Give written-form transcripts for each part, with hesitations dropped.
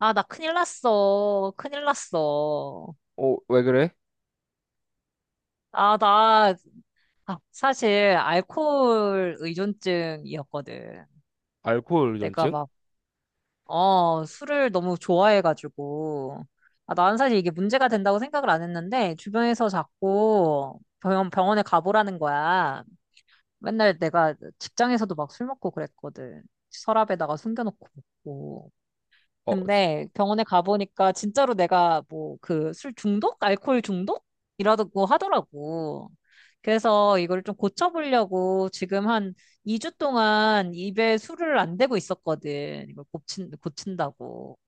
아, 나 큰일 났어. 큰일 났어. 어, 왜 그래? 아, 나, 아, 사실, 알코올 의존증이었거든. 알코올 내가 의존증? 막, 술을 너무 좋아해가지고. 아, 난 사실 이게 문제가 된다고 생각을 안 했는데, 주변에서 자꾸 병원에 가보라는 거야. 맨날 내가 직장에서도 막 술 먹고 그랬거든. 서랍에다가 숨겨놓고 먹고. 어, 지- 근데 병원에 가보니까 진짜로 내가 뭐 그 술 중독? 알코올 중독? 이라고 하더라고. 그래서 이걸 좀 고쳐보려고 지금 한 2주 동안 입에 술을 안 대고 있었거든. 이걸 고친다고.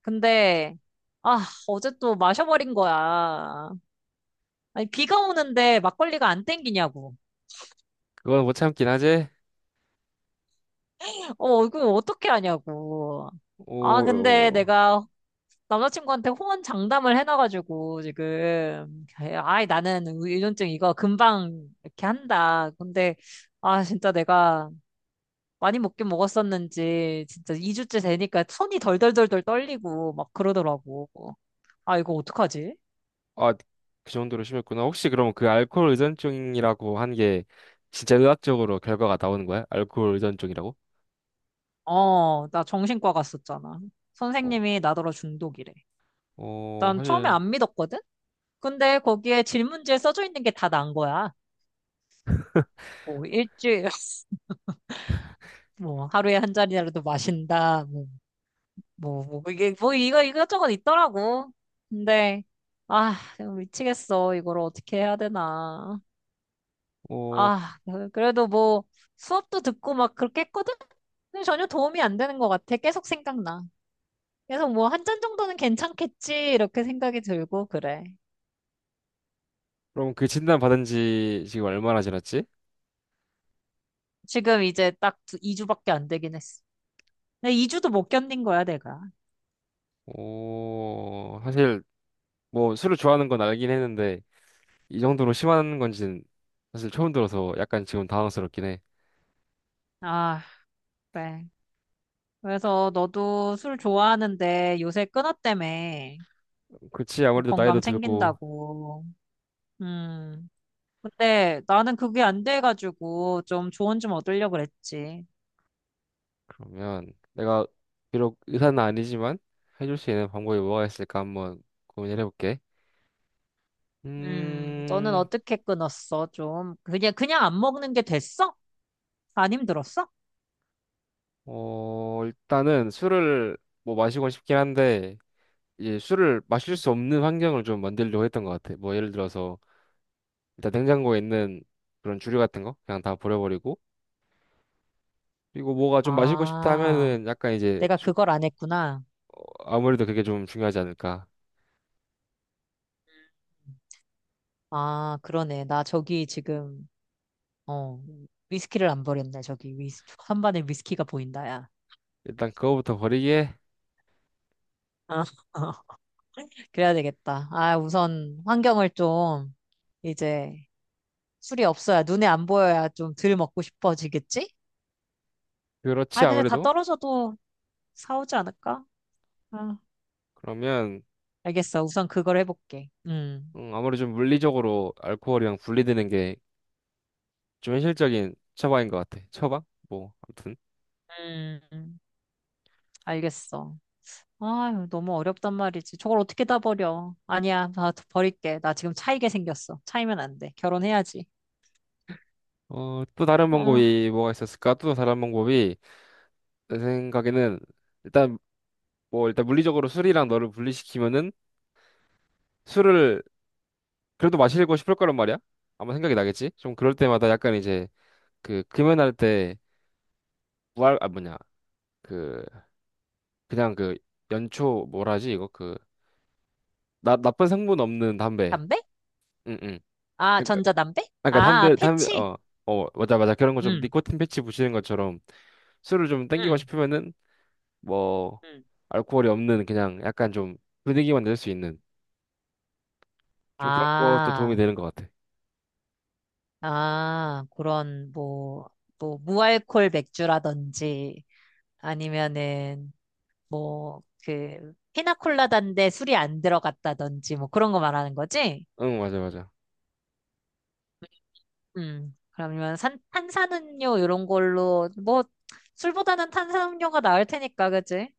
근데, 아, 어제 또 마셔버린 거야. 아니, 비가 오는데 막걸리가 안 땡기냐고. 그건 못 참긴 하지? 어, 이거 어떻게 하냐고. 오, 아, 근데 어, 내가 남자친구한테 호언 장담을 해놔가지고 지금 아이 나는 의존증 이거 금방 이렇게 한다. 근데 아 진짜 내가 많이 먹긴 먹었었는지 진짜 2주째 되니까 손이 덜덜덜덜 떨리고 막 그러더라고. 아 이거 어떡하지? 아, 그 정도로 심했구나. 혹시 그럼 그 알코올 의존증이라고 한 게 진짜 의학적으로 결과가 나오는 거야? 알코올 의존증이라고? 어, 나 정신과 갔었잖아. 어, 선생님이 나더러 중독이래. 어, 난 처음에 사실, 안 믿었거든? 근데 거기에 질문지에 써져 있는 게 다 난 거야. 뭐 일주일 뭐 하루에 한 잔이라도 마신다. 뭐 뭐, 뭐, 이게, 뭐, 이거, 이것저것 있더라고. 근데, 아, 미치겠어. 이걸 어떻게 해야 되나. 어, 아, 그- 래도 뭐, 수업도 듣고 막 그렇게 했거든? 근데 전혀 도움이 안 되는 것 같아. 계속 생각나. 계속 뭐, 한 잔 정도는 괜찮겠지. 이렇게 생각이 들고, 그래. 그럼 그 진단 받은 지 지금 얼마나 지났지? 지금 이제 딱 2주밖에 안 되긴 했어. 근데 2주도 못 견딘 거야, 내가. 어, 사실, 뭐, 술을 좋아하는 건 알긴 했는데, 이 정도로 심한 건지는 사실 처음 들어서 약간 지금 당황스럽긴 해. 아, 그래. 그래서 너도 술 좋아하는데 요새 끊었다며. 그치, 뭐 아무래도 나이도 건강 들고, 챙긴다고. 음. 근데 나는 그게 안 돼가지고 좀 조언 좀 얻으려고 그랬지. 그러면 내가 비록 의사는 아니지만 해줄 수 있는 방법이 뭐가 있을까 한번 고민을 해볼게. 너는 음, 어떻게 끊었어? 좀 그냥 안 먹는 게 됐어? 안 힘들었어? 어, 일단은 술을 뭐 마시고 싶긴 한데 이제 술을 마실 수 없는 환경을 좀 만들려고 했던 것 같아. 뭐 예를 들어서 일단 냉장고에 있는 그런 주류 같은 거 그냥 다 버려버리고 그리고 뭐가 좀 마시고 싶다 아, 하면은 내가 그걸 안 했구나. 아무래도 그게 좀 중요하지 않을까. 아, 그러네. 나 저기 지금 어 위스키를 안 버렸네. 저기 위스 한반에 위스키가 보인다, 야. 일단 그거부터 버리기에. 아, 그래야 되겠다. 아, 우선 환경을 좀 이제 술이 없어야 눈에 안 보여야 좀 덜 먹고 싶어지겠지? 그렇지 아, 근데 다 아무래도. 떨어져도 사오지 않을까? 아, 그러면 알겠어. 우선 그걸 해볼게. 아무리 좀 물리적으로 알코올이랑 분리되는 게 좀 현실적인 처방인 것 같아. 처방? 뭐, 아무튼. 음, 알겠어. 아유, 너무 어렵단 말이지. 저걸 어떻게 다 버려? 아니야, 나 버릴게. 나 지금 차이게 생겼어. 차이면 안 돼. 결혼해야지. 어, 또 다른 아, 방법이 뭐가 있었을까? 또 다른 방법이, 내 생각에는, 일단, 뭐, 일단 물리적으로 술이랑 너를 분리시키면은 술을 그래도 마시고 싶을 거란 말이야? 아마 생각이 나겠지? 좀 그럴 때마다 약간 이제, 그, 금연할 때, 무알, 아, 뭐냐, 그, 그냥 그, 연초, 뭐라 하지, 나쁜 성분 없는 담배. 담배? 응, 응. 아, 전자담배? 아, 그러니까 아, 담배 패치? 어, 어 맞아 맞아 그런 거 좀 음, 니코틴 패치 붙이는 것처럼 술을 좀 땡기고 음, 싶으면은 뭐 음. 알코올이 없는 그냥 약간 좀 분위기만 낼 수 있는 좀 그런 것도 도움이 아, 되는 것 같아. 아, 그런, 뭐, 무알콜 맥주라든지, 아니면은 뭐 그 피나콜라다인데 술이 안 들어갔다든지 뭐 그런 거 말하는 거지? 응 맞아 맞아. 음. 그러면 탄산음료 이런 걸로 뭐 술보다는 탄산음료가 나을 테니까 그지?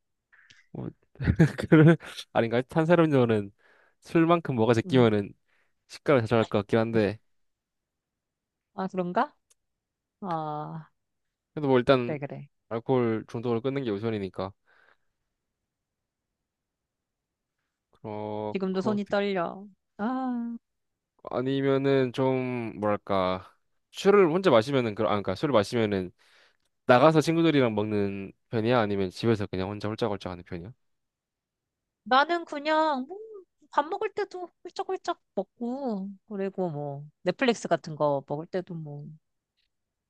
뭐 그런. 아닌가? 탄산음료는 술만큼 뭐가 음. 제끼면은 식감을 좌절할 것 같긴 한데 아 그런가? 아 그래도 뭐 일단 그래 그래. 알코올 중독을 끊는 게 우선이니까 어 지금도 그거 손이 떨려. 아 아니면은 좀 뭐랄까 술을 혼자 마시면은 그아 그러니까 술을 마시면은 나가서 친구들이랑 먹는 편이야? 아니면 집에서 그냥 혼자 홀짝홀짝 하는 편이야? 나는 그냥 뭐 밥 먹을 때도 훌쩍훌쩍 먹고 그리고 뭐 넷플릭스 같은 거 먹을 때도 뭐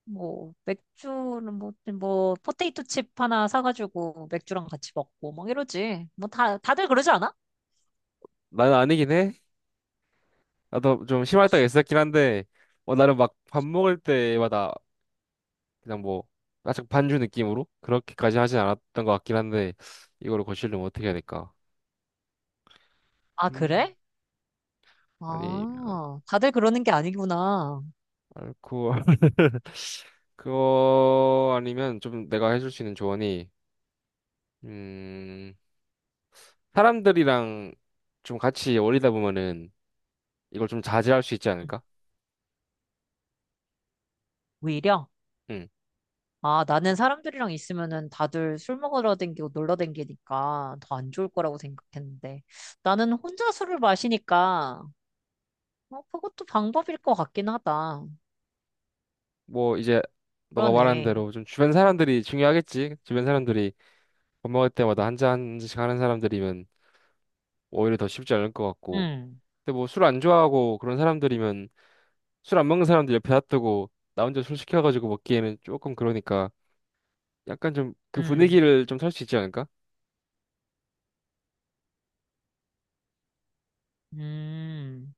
뭐 맥주는 뭐, 뭐 포테이토 칩 하나 사가지고 맥주랑 같이 먹고 막 이러지. 뭐 다들 그러지 않아? 나는 아니긴 해. 나도 좀 심할 때가 있었긴 한데, 어, 나는 막 밥 먹을 때마다 그냥 뭐, 아짝 반주 느낌으로? 그렇게까지 하진 않았던 것 같긴 한데, 이거를 고치려면 어떻게 해야 될까? 아, 음. 그래? 아니면, 아, 다들 그러는 게 아니구나. 알코올, 그거 아니면 좀 내가 해줄 수 있는 조언이, 음, 사람들이랑 좀 같이 어울리다 보면은 이걸 좀 자제할 수 있지 응. 않을까? 오히려? 응. 아, 나는 사람들이랑 있으면은 다들 술 먹으러 댕기고 놀러 댕기니까 더 안 좋을 거라고 생각했는데 나는 혼자 술을 마시니까 어, 그것도 방법일 것 같긴 하다. 뭐 이제 너가 말한 그러네. 대로 좀 주변 사람들이 중요하겠지. 주변 사람들이 밥 먹을 때마다 한 잔 한 잔씩 하는 사람들이면 오히려 더 쉽지 않을 것 같고. 응, 근데 뭐 술 안 좋아하고 그런 사람들이면 술 안 먹는 사람들 옆에 놔두고 나 혼자 술 시켜가지고 먹기에는 조금 그러니까 약간 좀 그 응, 분위기를 좀 살 수 있지 않을까? 음.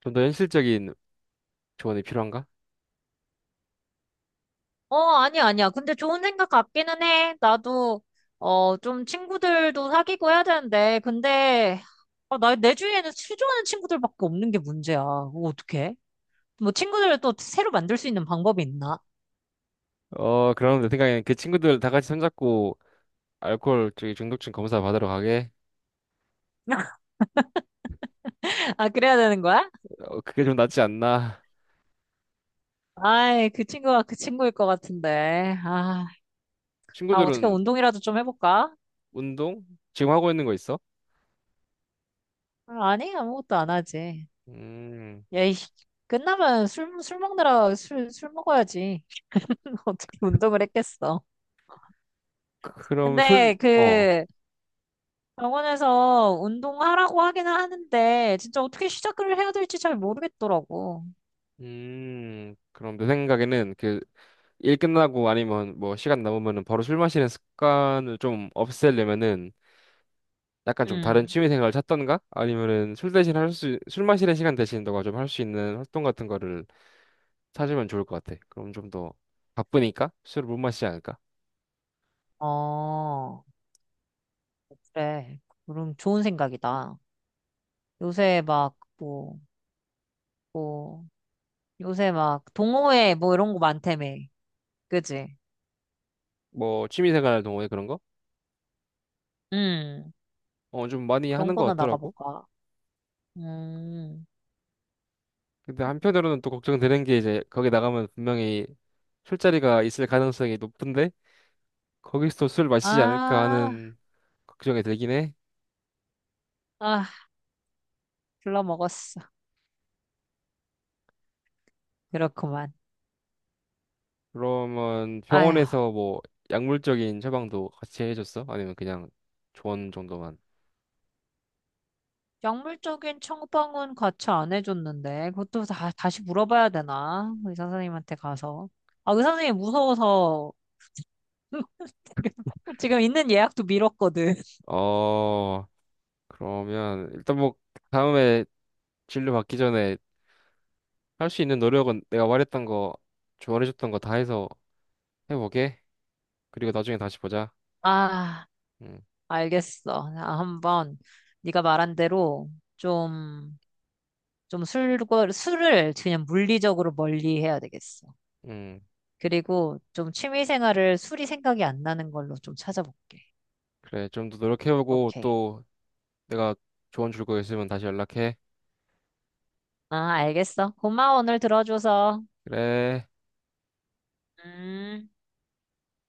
좀 더 현실적인 조언이 필요한가? 어, 아니야, 아니야. 근데 좋은 생각 같기는 해. 나도, 좀 친구들도 사귀고 해야 되는데. 근데, 아, 나, 내 주위에는 수조하는 친구들밖에 없는 게 문제야. 그거 어떡해? 뭐, 친구들을 또 새로 만들 수 있는 방법이 있나? 어, 그럼 내 생각엔 그 친구들 다 같이 손잡고 알코올 저기 중독증 검사 받으러 가게. 아, 그래야 되는 거야? 어, 그게 좀 낫지 않나? 아이, 그 친구가 그 친구일 것 같은데. 아, 아, 어떻게 친구들은. 운동이라도 좀 해볼까? 운동 지금 하고 있는 거 있어? 아, 아니, 아무것도 안 하지. 음, 야, 이, 끝나면 술 먹느라 술 먹어야지. 어떻게 운동을 했겠어. 그럼 술, 근데 어, 그, 병원에서 운동하라고 하긴 하는데, 진짜 어떻게 시작을 해야 될지 잘 모르겠더라고. 그럼 내 생각에는 그 일 끝나고 아니면 뭐 시간 남으면은 바로 술 마시는 습관을 좀 없애려면은 약간 좀 다른 음. 취미 생활을 찾던가 아니면은 술 마시는 시간 대신 너가 좀 할 수 있는 활동 같은 거를 찾으면 좋을 것 같아. 그럼 좀 더 바쁘니까 술을 못 마시지 않을까? 어, 그래. 그럼 좋은 생각이다. 요새 막, 뭐, 뭐, 요새 막, 동호회 뭐 이런 거 많다며. 그지? 뭐 취미 생활 동호회 그런 거? 음. 어, 좀 많이 그런 하는 것 거나 같더라고. 나가볼까. 음. 근데 한편으로는 또 걱정되는 게 이제 거기 나가면 분명히 술자리가 있을 가능성이 높은데 거기서 술 마시지 않을까 아, 하는 걱정이 들긴 해. 아, 글러먹었어. 그렇구만. 그러면 병원에서 아휴. 뭐 약물적인 처방도 같이 해줬어? 아니면 그냥 조언 정도만? 약물적인 처방은 같이 안 해줬는데, 그것도 다시 물어봐야 되나? 의사 선생님한테 가서. 아, 의사 선생님 무서워서 지금 있는 예약도 미뤘거든. 어, 그러면 일단 뭐 다음에 진료 받기 전에 할 수 있는 노력은 내가 말했던 거, 조언해줬던 거 다 해서 해보게. 그리고 나중에 다시 보자. 아, 응, 알겠어. 아, 한번 네가 말한 대로 좀, 좀 술을 그냥 물리적으로 멀리 해야 되겠어. 응. 그리고 좀 취미 생활을 술이 생각이 안 나는 걸로 좀 찾아볼게. 그래, 좀 더 노력해보고 오케이. 또 내가 조언 줄 거 있으면 다시 연락해. 아, 알겠어. 고마워, 오늘 들어줘서. 그래. 음.